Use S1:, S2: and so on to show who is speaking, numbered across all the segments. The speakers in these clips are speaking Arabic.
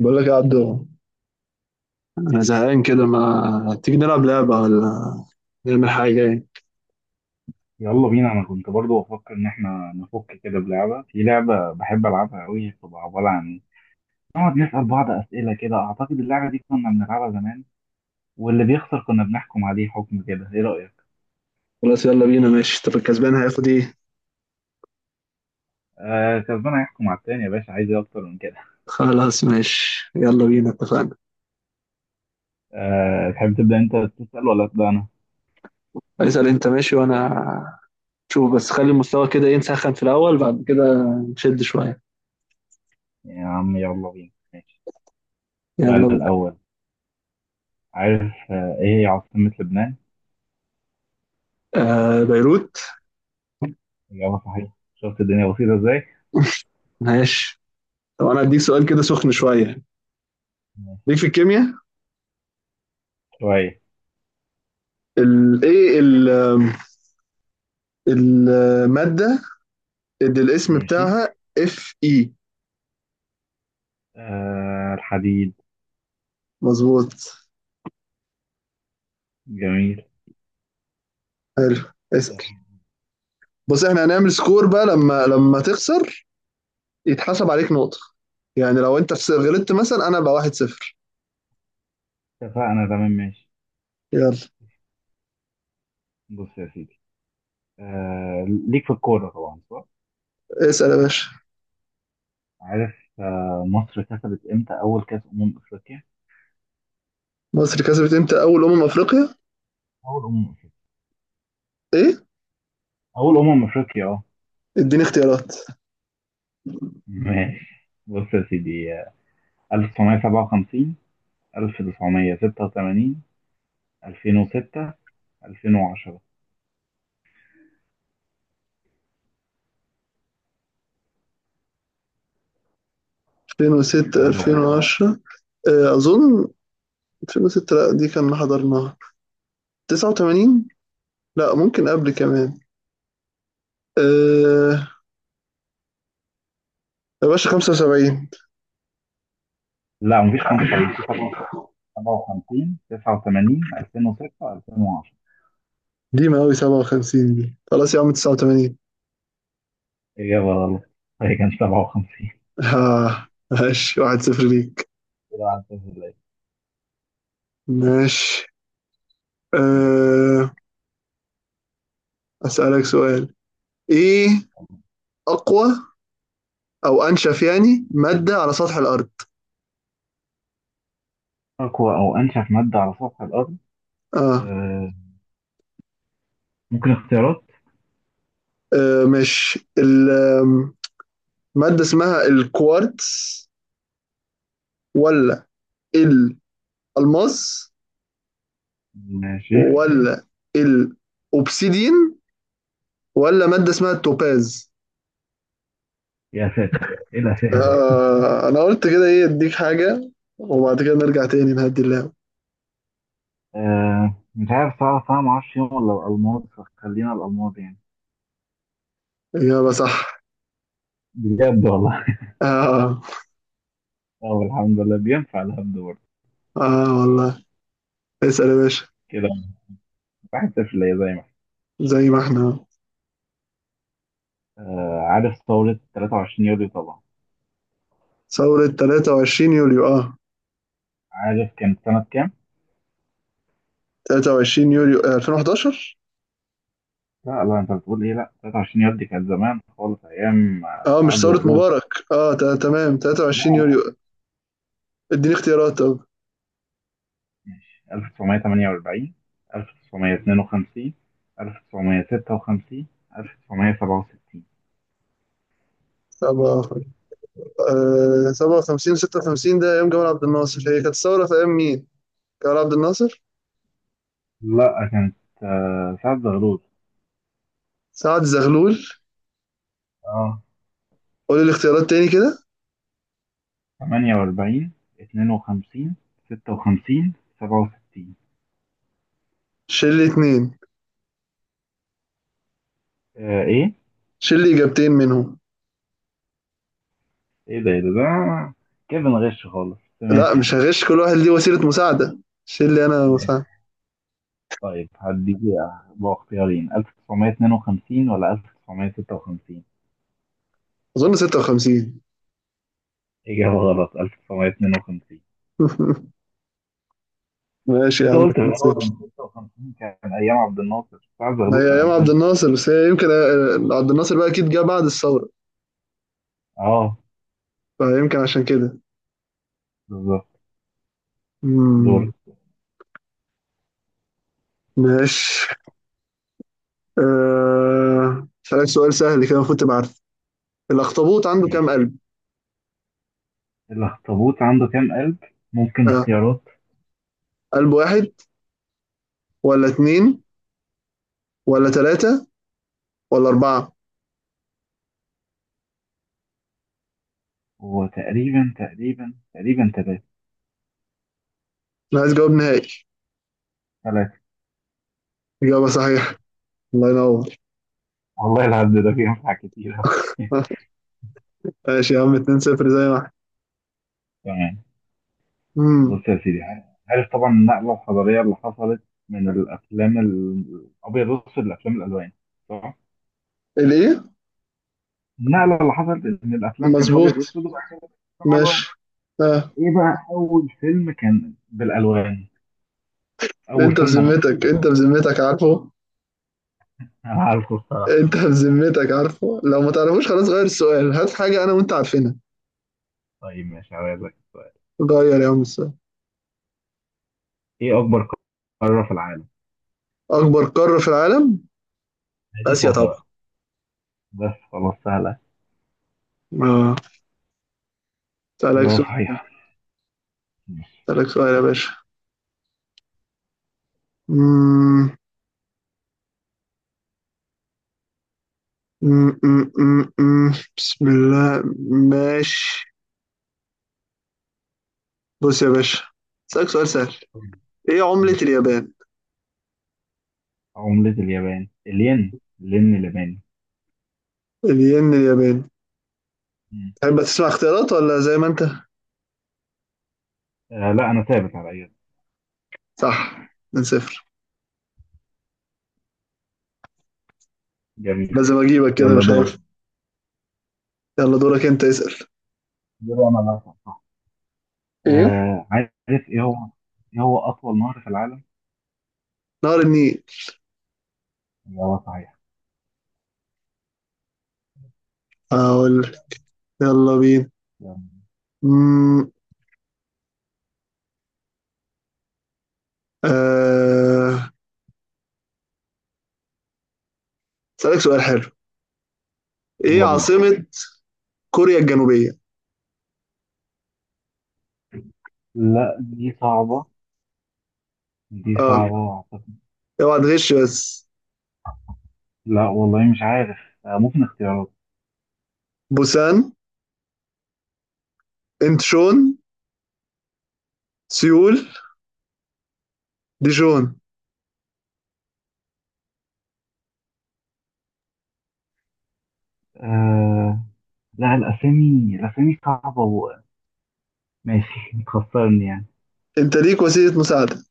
S1: بقول لك يا عبدو، انا زهقان كده، ما تيجي نلعب لعبه ولا نعمل حاجه يعني؟
S2: يلا بينا، انا كنت برضو بفكر ان احنا نفك كده بلعبه. في لعبه بحب العبها قوي، بتبقى عباره عن نقعد نسال بعض اسئله كده. اعتقد اللعبه دي كنا بنلعبها زمان، واللي بيخسر كنا بنحكم عليه حكم كده. ايه رايك؟
S1: خلاص، يلا بينا، ماشي. طب الكسبان هياخد ايه؟
S2: آه، كسبان هيحكم على التاني يا باشا. عايز ايه اكتر من كده؟
S1: خلاص ماشي، يلا بينا، اتفقنا.
S2: آه، تحب تبدا انت تسال ولا ابدا انا؟
S1: اسال انت ماشي وانا شوف. بس خلي المستوى كده ايه، نسخن في الاول، بعد كده نشد شويه.
S2: يا عم يلا بينا ماشي.
S1: يلا
S2: السؤال
S1: بينا.
S2: الاول. عارف ايه هي عاصمه لبنان؟
S1: آه، بيروت.
S2: اجابه صحيحه. شفت الدنيا بسيطه ازاي.
S1: ماشي. طب انا هديك سؤال كده سخن شويه.
S2: ماشي.
S1: ليك في الكيمياء
S2: شويه.
S1: الايه الماده اللي الاسم
S2: ماشي،
S1: بتاعها اف اي؟
S2: آه، الحديد.
S1: مظبوط.
S2: جميل.
S1: حلو، اسال. بص احنا هنعمل سكور بقى، لما تخسر يتحسب عليك نقطة. يعني لو انت غلطت مثلا، انا بقى 1-0.
S2: اتفقنا تمام، ماشي.
S1: يلا.
S2: بص يا سيدي. ليك في الكورة طبعا صح؟
S1: اسأل يا باشا.
S2: عارف. مصر كسبت امتى أول كأس أمم أفريقيا؟
S1: مصر كسبت امتى اول افريقيا؟
S2: أول أمم أفريقيا.
S1: ايه؟
S2: أول أمم أفريقيا اه.
S1: اديني اختيارات.
S2: ماشي، بص يا سيدي. 1957، 1986، 2006، 2010.
S1: 2006،
S2: سهل أهو.
S1: 2010؟ اه، اظن. 2006؟ لا، دي كان حضرناها. 89؟ لا ممكن قبل كمان. أه يا باشا، 75؟
S2: لا مفيش 75. في 57، 89، 2006، 2010.
S1: دي ما قوي. 57 دي خلاص يا عم. 89؟
S2: إجابة غلط، هي كانت 57.
S1: ها، ماشي، 1-0 ليك.
S2: كده عدت في الليل.
S1: ماشي.
S2: ماشي يا
S1: أه. أسألك سؤال. ايه
S2: سيدي.
S1: اقوى او انشف يعني ماده على سطح الارض؟
S2: أقوى أو أنشف مادة على سطح الأرض.
S1: اه.
S2: آه، ممكن اختيارات.
S1: مش الماده اسمها الكوارتز، ولا الالماس،
S2: ماشي.
S1: ولا الاوبسيدين، ولا ماده اسمها التوباز؟
S2: يا ساتر، إيه الأسئلة.
S1: انا قلت كده ايه اديك حاجه، وبعد كده نرجع تاني نهدي اللعبه.
S2: آه، مش عارف، صعب صعب، معرفش، يوم ولا الألماظ، فخلينا الألماظ يعني.
S1: اجابه صح.
S2: بجد والله.
S1: اه.
S2: أه، الحمد لله، بينفع الهبد برضه.
S1: اه والله. اسال يا باشا.
S2: كده واحد صفر ليا، زي ما إحنا.
S1: زي ما احنا.
S2: آه، عارف ثورة 23 يوليو طبعا.
S1: ثورة 23 يوليو، اه.
S2: عارف كانت سنة كام؟
S1: 23 يوليو، 2011.
S2: لا لا، أنت بتقول إيه؟ لا، 23 يوليو دي كانت زمان خالص، أيام
S1: اه، مش
S2: سعد
S1: ثورة
S2: زغلول.
S1: مبارك. اه تمام. 23
S2: لا،
S1: يوليو. اديني اختيارات طب.
S2: ماشي. 1948، 1952، 1956، 1967.
S1: سبعة. 57 و56 ده ايام جمال عبد الناصر. هي كانت الثورة في ايام مين؟ جمال عبد الناصر.
S2: لا كانت سعد زغلول.
S1: سعد زغلول.
S2: اه،
S1: قول الاختيارات تاني كده.
S2: 48، 52، 56، 67.
S1: شيل لي اتنين.
S2: آه، ايه؟
S1: شيل لي اجابتين منهم.
S2: ايه ده ايه ده ده. كده بنغش خالص، بس
S1: لا،
S2: ماشي
S1: مش
S2: يعني.
S1: هغش. كل واحد ليه وسيلة مساعدة. شيل لي انا
S2: ماشي.
S1: مساعدة.
S2: طيب هديك بقى اختيارين، 1952 ولا 1956؟
S1: اظن 56.
S2: إجابة غلط، 1952.
S1: ماشي يا
S2: انت
S1: عم،
S2: قلت في الاول
S1: 2-0.
S2: ان 56 كان ايام عبد الناصر. سعد
S1: ما
S2: زغلول
S1: هي
S2: كان
S1: ايام عبد
S2: قبلهم.
S1: الناصر بس، هي يمكن عبد الناصر بقى اكيد جه بعد الثورة،
S2: اه،
S1: فيمكن عشان كده.
S2: بالظبط.
S1: مم.
S2: دور.
S1: ماشي. أسألك سؤال سهل، كده المفروض تبقى عارف. الأخطبوط عنده كام
S2: ماشي.
S1: قلب؟
S2: الاخطبوط عنده كام قلب؟ ممكن
S1: أه.
S2: اختيارات.
S1: قلب واحد، ولا اتنين، ولا تلاتة، ولا أربعة؟
S2: هو تقريبا تقريبا تقريبا ثلاثة.
S1: أنا عايز جواب نهائي.
S2: ثلاثة.
S1: إجابة صحيحة. الله ينور.
S2: والله العبد ده فيه أنفع كتير أوي.
S1: ماشي يا عم، 2 0، زي ما احنا.
S2: تمام.
S1: امم.
S2: بص يا سيدي. عارف طبعا النقلة الحضارية اللي حصلت من الأفلام الأبيض والأسود لأفلام الألوان صح؟
S1: الإيه؟
S2: النقلة اللي حصلت إن الأفلام كانت
S1: مظبوط.
S2: أبيض وأسود، وبعد كده بقت أفلام
S1: ماشي.
S2: ألوان.
S1: أه.
S2: إيه بقى أول فيلم كان بالألوان؟ أول
S1: أنت
S2: فيلم مصري.
S1: بذمتك أنت بذمتك عارفه؟
S2: أنا عارفه الصراحة.
S1: أنت بذمتك عارفه؟ لو ما تعرفوش خلاص غير السؤال، هات حاجة أنا وأنت عارفينها.
S2: طيب ماشي، هسألك سؤال.
S1: غير يا عم السؤال.
S2: إيه أكبر قارة في العالم؟
S1: أكبر قارة في العالم؟
S2: دي
S1: آسيا
S2: سهلة
S1: طبعا.
S2: بقى. بس خلاص، سهلة.
S1: أه. أسألك
S2: إجابة
S1: سؤال.
S2: صحيحة. ماشي.
S1: أسألك سؤال يا باشا. مم، مم، مم، مم، مم. بسم الله. ماشي. بص يا باشا، أسألك سؤال سهل. إيه عملة اليابان؟
S2: عملة اليابان الين. الين الياباني.
S1: الين الياباني.
S2: مم.
S1: تحب تسمع اختيارات ولا زي ما أنت؟
S2: آه، لا أنا ثابت على إجابة.
S1: صح، من صفر.
S2: جميل.
S1: لازم أجيبك كده
S2: يلا
S1: مش عارف.
S2: دور.
S1: يلا دورك أنت اسأل.
S2: دور أنا اللي هسأل صح.
S1: ايه؟
S2: آه، عارف. إيه هو إيه هو أطول نهر في العالم؟
S1: نهر النيل.
S2: إجابة صحيحة.
S1: أقول لك. يلا بينا.
S2: يلا.
S1: مم، آه، أسألك سؤال حلو. إيه
S2: يلا بينا.
S1: عاصمة كوريا الجنوبية؟
S2: لا دي صعبة. دي
S1: أه
S2: صعبة أعتقد.
S1: اوعى تغش بس.
S2: لا والله مش عارف. آه، ممكن اختيارات.
S1: بوسان، انتشون، سيول، ديجون.
S2: آه، لا، الأسامي الأسامي صعبة و ماشي. تخسرني يعني.
S1: انت ليك وسيله مساعده.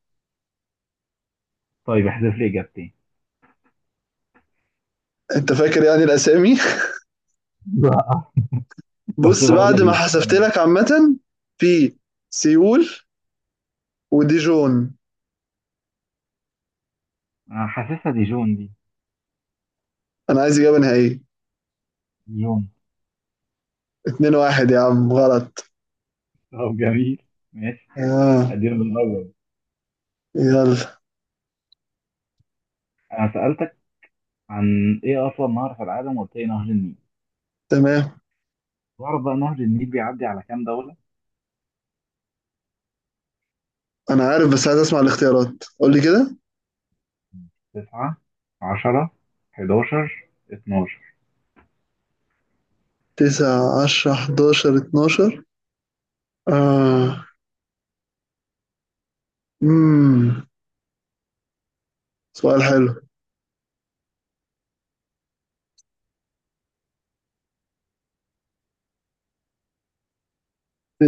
S2: طيب احذف لي إجابتين.
S1: انت فاكر يعني الاسامي.
S2: لا. بس
S1: بص بعد ما
S2: بقلل.
S1: حسبت لك، عامه في سيول وديجون.
S2: أنا حاسسها دي جون دي.
S1: انا عايز اجابه نهائيه.
S2: جون.
S1: 2 1 يا عم، غلط.
S2: طب جميل. ماشي.
S1: اه.
S2: أديله من الأول.
S1: يلا.
S2: أنا سألتك عن إيه أصلا؟ نهر في العالم، وقلت لي نهر النيل.
S1: تمام.
S2: تعرف بقى نهر النيل بيعدي على كام دولة؟
S1: انا عارف، بس عايز اسمع الاختيارات، قول لي كده.
S2: تسعة، عشرة، حداشر، اتناشر.
S1: 9 10 11 12. اه امم سؤال حلو.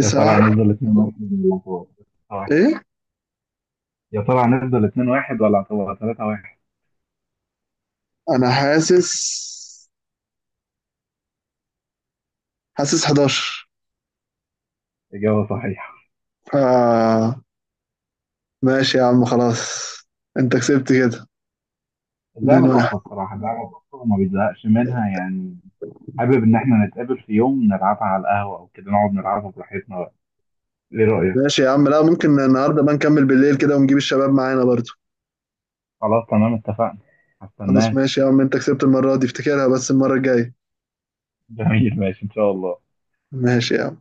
S2: يا ترى هنفضل اتنين واحد ولا هتبقى-
S1: ايه؟
S2: يا ترى هنفضل اتنين واحد ولا هتبقى تلاتة واحد؟
S1: انا حاسس، حاسس 11.
S2: إجابة صحيحة.
S1: آه، ماشي يا عم، خلاص. انت كسبت كده. 2
S2: اللعبة
S1: 1.
S2: تحفة الصراحة، اللعبة تحفة، وما بيزهقش منها يعني. حابب إن إحنا نتقابل في يوم نلعبها على القهوة أو كده، نقعد نلعبها براحتنا بقى. إيه رأيك؟
S1: ماشي يا عم، لا ممكن النهارده بقى نكمل بالليل كده، ونجيب الشباب معانا برضو.
S2: خلاص تمام، اتفقنا.
S1: خلاص
S2: هستناك.
S1: ماشي يا عم، انت كسبت المرة دي، افتكرها بس المرة الجاية.
S2: جميل، ماشي إن شاء الله.
S1: ماشي يا عم.